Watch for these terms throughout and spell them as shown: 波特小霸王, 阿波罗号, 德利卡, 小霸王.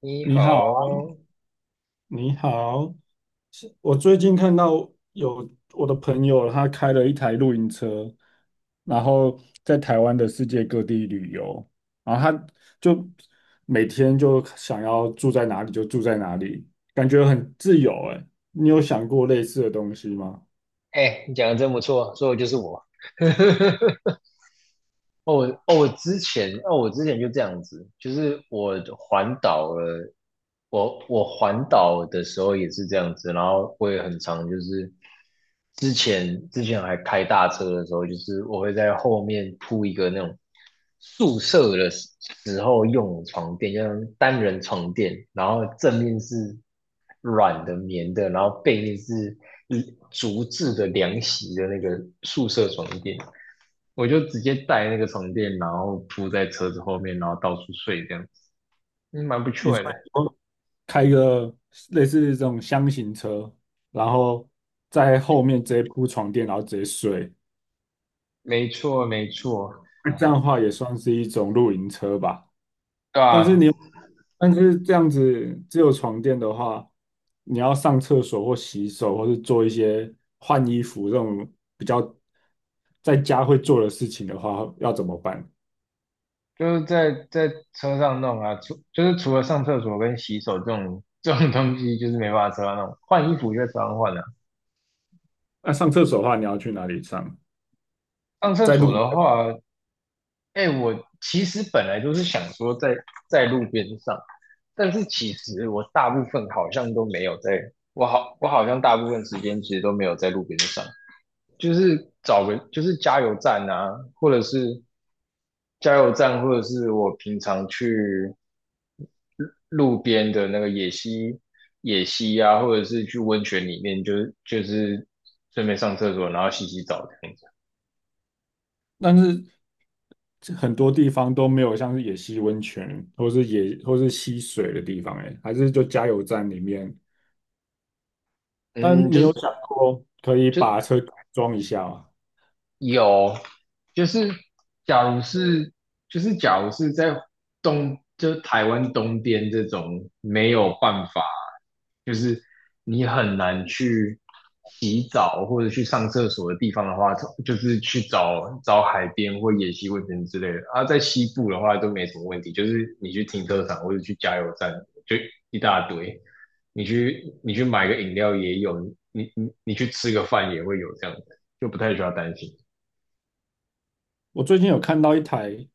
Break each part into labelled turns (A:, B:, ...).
A: 你
B: 你好，
A: 好，
B: 你好，是我最近看到有我的朋友，他开了一台露营车，然后在台湾的世界各地旅游，然后就每天就想要住在哪里就住在哪里，感觉很自由哎。你有想过类似的东西吗？
A: 哎，你讲的真不错，说的就是我。呵呵呵。我之前就这样子，就是我环岛了，我环岛的时候也是这样子，然后我也很常之前还开大车的时候，就是我会在后面铺一个那种宿舍的时候用的床垫，就是单人床垫，然后正面是软的棉的，然后背面是竹制的凉席的那个宿舍床垫。我就直接带那个床垫，然后铺在车子后面，然后到处睡这样子，嗯，蛮不
B: 你
A: 错
B: 说
A: 的。
B: 以后开一个类似这种箱型车，然后在后面直接铺床垫，然后直接睡，
A: 没错，没错，
B: 那这样的话也算是一种露营车吧？
A: 对
B: 但是
A: 啊，
B: 你，但是这样子只有床垫的话，你要上厕所或洗手，或是做一些换衣服这种比较在家会做的事情的话，要怎么办？
A: 就是在车上弄啊，就是除了上厕所跟洗手这种东西，就是没办法车上弄。换衣服就在车上换啊。
B: 那、上厕所的话，你要去哪里上？
A: 上厕
B: 在
A: 所
B: 路
A: 的
B: 边，
A: 话，哎，我其实本来就是想说在路边上，但是其实我大部分好像都没有在，我好像大部分时间其实都没有在路边上。就是找个就是加油站啊，或者是加油站，或者是我平常去路边的那个野溪、野溪啊，或者是去温泉里面，就是顺便上厕所，然后洗洗澡这样子。
B: 但是这很多地方都没有像是野溪温泉，或是溪水的地方、欸，还是就加油站里面。但
A: 嗯，
B: 你
A: 就
B: 有
A: 是
B: 想过可以
A: 就
B: 把车改装一下吗？
A: 有，就是假如是，就是假如是在东，就是台湾东边这种没有办法，就是你很难去洗澡或者去上厕所的地方的话，就是去找找海边或野溪温泉之类的。啊，在西部的话都没什么问题，就是你去停车场或者去加油站，就一大堆。你去买个饮料也有，你去吃个饭也会有这样的，就不太需要担心。
B: 我最近有看到一台，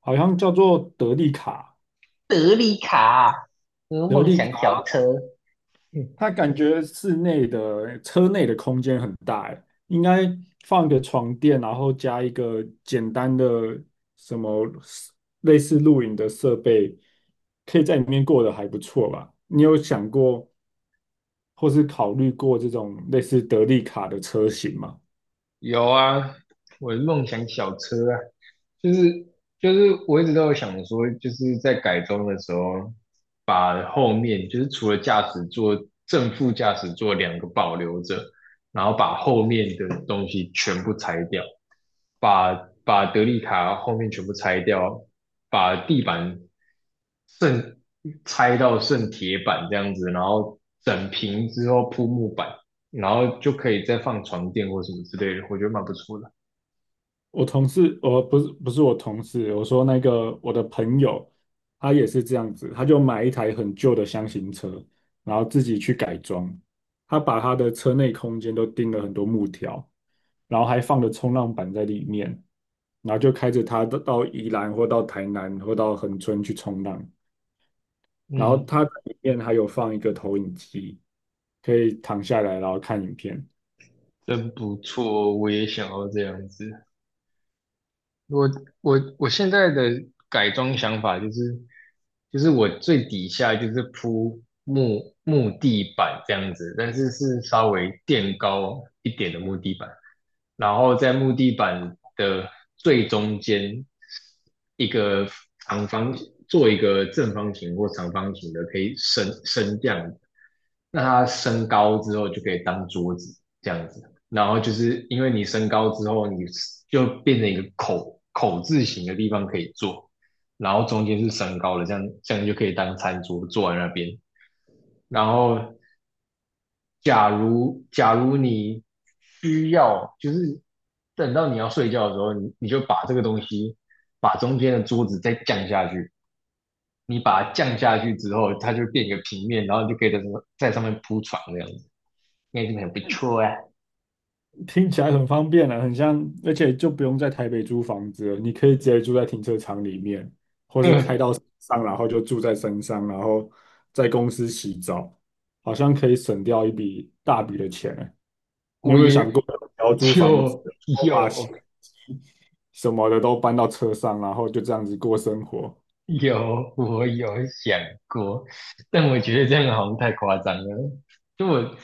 B: 好像叫做德利卡，
A: 德利卡，和
B: 德
A: 梦
B: 利
A: 想
B: 卡，
A: 小车，嗯
B: 它感觉室内的车内的空间很大，欸应该放个床垫，然后加一个简单的什么类似露营的设备，可以在里面过得还不错吧？你有想过或是考虑过这种类似德利卡的车型吗？
A: 有啊，我的梦想小车啊，就是就是我一直都有想说，就是在改装的时候，把后面就是除了驾驶座正副驾驶座两个保留着，然后把后面的东西全部拆掉，把把德利卡后面全部拆掉，把地板剩拆到剩铁板这样子，然后整平之后铺木板，然后就可以再放床垫或什么之类的，我觉得蛮不错的。
B: 我同事，我不是不是我同事，我说那个我的朋友，他也是这样子，他就买一台很旧的箱型车，然后自己去改装，他把他的车内空间都钉了很多木条，然后还放了冲浪板在里面，然后就开着他到宜兰或到台南或到恒春去冲浪，然后
A: 嗯，
B: 他里面还有放一个投影机，可以躺下来然后看影片。
A: 真不错哦，我也想要这样子。我我我现在的改装想法就是，就是我最底下就是铺木地板这样子，但是是稍微垫高一点的木地板，然后在木地板的最中间一个长方做一个正方形或长方形的可以升降，那它升高之后就可以当桌子这样子，然后就是因为你升高之后，你就变成一个口字形的地方可以坐，然后中间是升高的，这样就可以当餐桌坐在那边。然后假如你需要，就是等到你要睡觉的时候，你就把这个东西把中间的桌子再降下去，你把它降下去之后，它就变一个平面，然后你就可以在上面铺床这样子。那真的很不错啊。
B: 听起来很方便啊，很像，而且就不用在台北租房子了，你可以直接住在停车场里面，或 是开
A: 嗯，
B: 到山上，然后就住在山上，然后在公司洗澡，好像可以省掉一笔大笔的钱欸。你
A: 我
B: 有没有想
A: 也
B: 过不要租房子，
A: 就
B: 我把洗
A: 有
B: 衣机什么的都搬到车上，然后就这样子过生活？
A: 有我有想过，但我觉得这样好像太夸张了。就我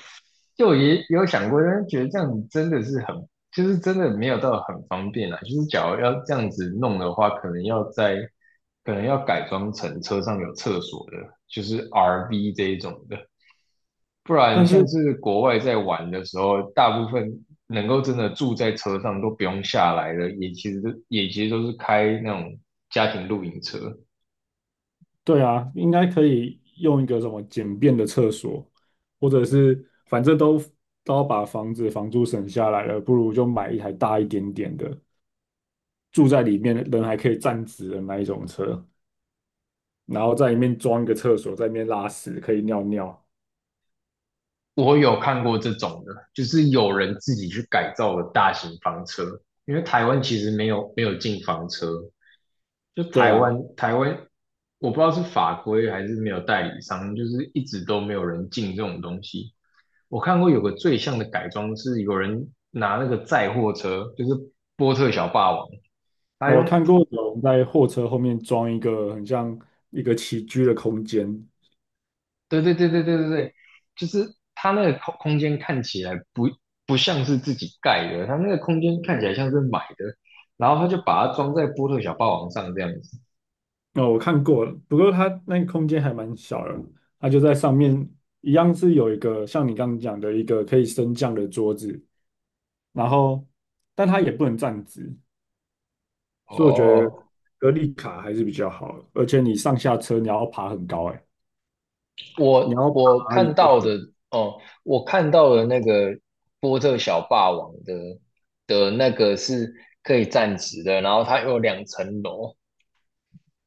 A: 就我也有想过，但是觉得这样子真的是很，就是真的没有到很方便啊。就是假如要这样子弄的话，可能要改装成车上有厕所的，就是 RV 这一种的。不然
B: 但
A: 像
B: 是
A: 是国外在玩的时候，大部分能够真的住在车上都不用下来的，也其实都是开那种家庭露营车。
B: 对啊，应该可以用一个什么简便的厕所，或者是反正都都要把房子房租省下来了，不如就买一台大一点点的，住在里面人还可以站直的那一种车，然后在里面装一个厕所，在里面拉屎可以尿尿。
A: 我有看过这种的，就是有人自己去改造了大型房车，因为台湾其实没有进房车，就
B: 对
A: 台
B: 啊，
A: 湾，台湾我不知道是法规还是没有代理商，就是一直都没有人进这种东西。我看过有个最像的改装是有人拿那个载货车，就是波特小霸王，他
B: 那我
A: 用，
B: 看过有人在货车后面装一个很像一个起居的空间。
A: 对对对对对对对，就是他那个空间看起来不像是自己盖的，他那个空间看起来像是买的，然后他就把它装在波特小霸王上这样子。
B: 哦，我看过了，不过它那个空间还蛮小的，它就在上面，一样是有一个像你刚刚讲的一个可以升降的桌子，然后但它也不能站直，所以我觉得
A: 哦，
B: 格力卡还是比较好的而且你上下车你要爬很高，哎，你
A: 我
B: 要
A: 我
B: 爬一
A: 看
B: 个，
A: 到的哦，我看到的那个波特小霸王的那个是可以站直的，然后它有两层楼，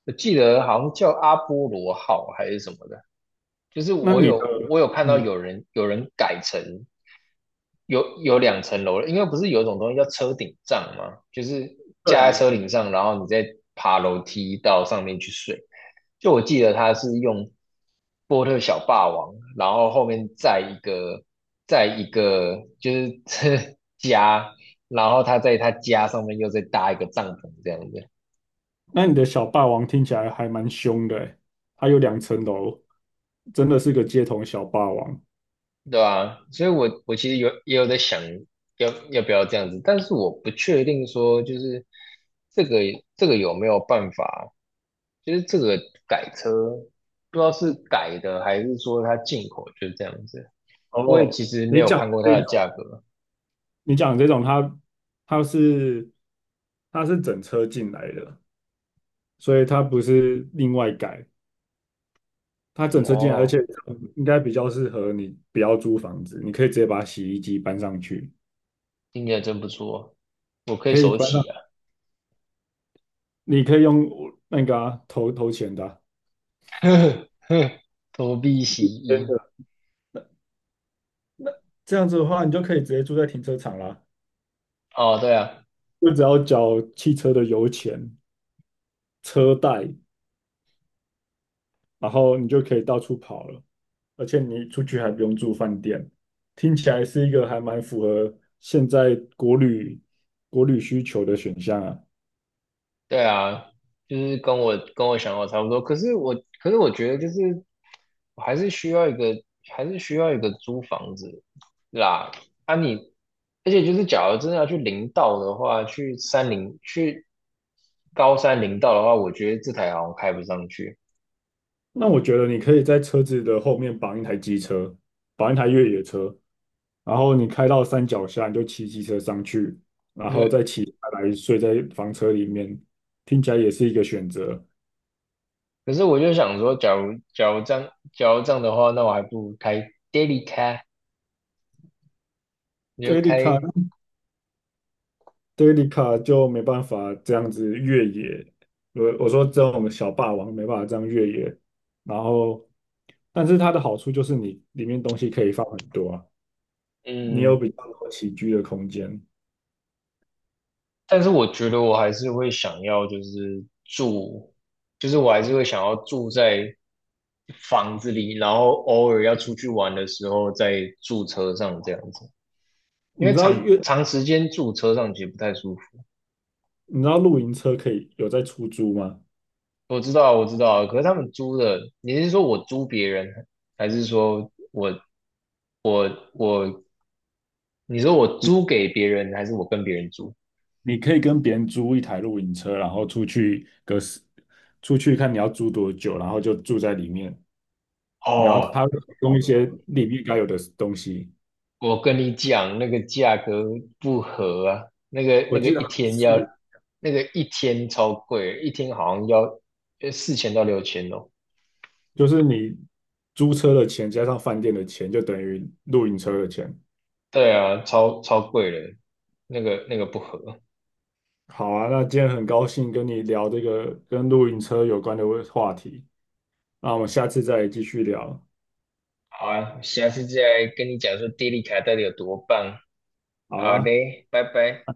A: 我记得好像叫阿波罗号还是什么的，就是
B: 那你的，
A: 我有看到
B: 嗯，
A: 有人改成有有两层楼了，因为不是有一种东西叫车顶帐吗？就是
B: 对
A: 架在
B: 啊，
A: 车顶上，然后你再爬楼梯到上面去睡。就我记得他是用波特小霸王，然后后面再一个就是 家，然后他在他家上面又再搭一个帐篷这样子。
B: 那你的小霸王听起来还蛮凶的，哎，它有两层楼，真的是个街头小霸王。
A: 对啊，所以我其实也有在想要不要这样子，但是我不确定说就是这个这个有没有办法，就是这个改车不知道是改的还是说它进口就是这样子，我也
B: 哦，
A: 其实没
B: 你
A: 有
B: 讲的
A: 看过它
B: 这
A: 的
B: 种。
A: 价格。
B: 你讲这种它它是整车进来的，所以它不是另外改，它整车进来，而且
A: 哦，
B: 应该比较适合你不要租房子，你可以直接把洗衣机搬上去，
A: 听起来真不错，我可以
B: 可以
A: 手
B: 搬
A: 洗
B: 上，
A: 啊，
B: 你可以用那个啊投钱的啊。
A: 呵呵投币洗
B: 真
A: 衣。
B: 的这样子的话，你就可以直接住在停车场啦，
A: 哦，对啊，
B: 就只要缴汽车的油钱、车贷，然后你就可以到处跑了，而且你出去还不用住饭店，听起来是一个还蛮符合现在国旅需求的选项啊。
A: 对啊，就是跟我想法差不多。可是我，可是我觉得就是，我还是需要一个，还是需要一个租房子啦。啊你，而且就是，假如真的要去林道的话，去山林，去高山林道的话，我觉得这台好像开不上去。
B: 那我觉得你可以在车子的后面绑一台机车，绑一台越野车，然后你开到山脚下，你就骑机车上去，然
A: 因
B: 后再
A: 为
B: 骑下来睡在房车里面，听起来也是一个选择。
A: 可是我就想说，假如这样的话，那我还不如开 daily car，你就
B: 这 e d 卡
A: 开，
B: 德里卡就没办法这样子越野，我说这种小霸王没办法这样越野，然后，但是它的好处就是你里面东西可以放很多啊，你有比
A: 嗯，
B: 较多起居的空间。
A: 但是我觉得我还是会想要，就是住，就是我还是会想要住在房子里，然后偶尔要出去玩的时候再住车上这样子，因
B: 你
A: 为
B: 知道
A: 长
B: 越
A: 长时间住车上其实不太舒服。
B: 你知道露营车可以有在出租吗？
A: 我知道啊，我知道啊，可是他们租的，你是说我租别人，还是说我，你说我租给别人，还是我跟别人租？
B: 你可以跟别人租一台露营车，然后出去个十，出去看你要租多久，然后就住在里面，然后它
A: 哦，
B: 会提供一些里面该有的东西。
A: 我跟你讲，那个价格不合啊，那个那
B: 我
A: 个
B: 记得
A: 一
B: 好像
A: 天要，
B: 是
A: 那个一天超贵，一天好像要4000到6000哦。
B: 就是你租车的钱加上饭店的钱，就等于露营车的钱。
A: 对啊，超超贵了，那个不合。
B: 好啊，那今天很高兴跟你聊这个跟露营车有关的话题，那我们下次再继续聊，
A: 好啊，下次再来跟你讲说电力卡到底有多棒。
B: 好
A: 好
B: 啊。
A: 嘞，拜拜。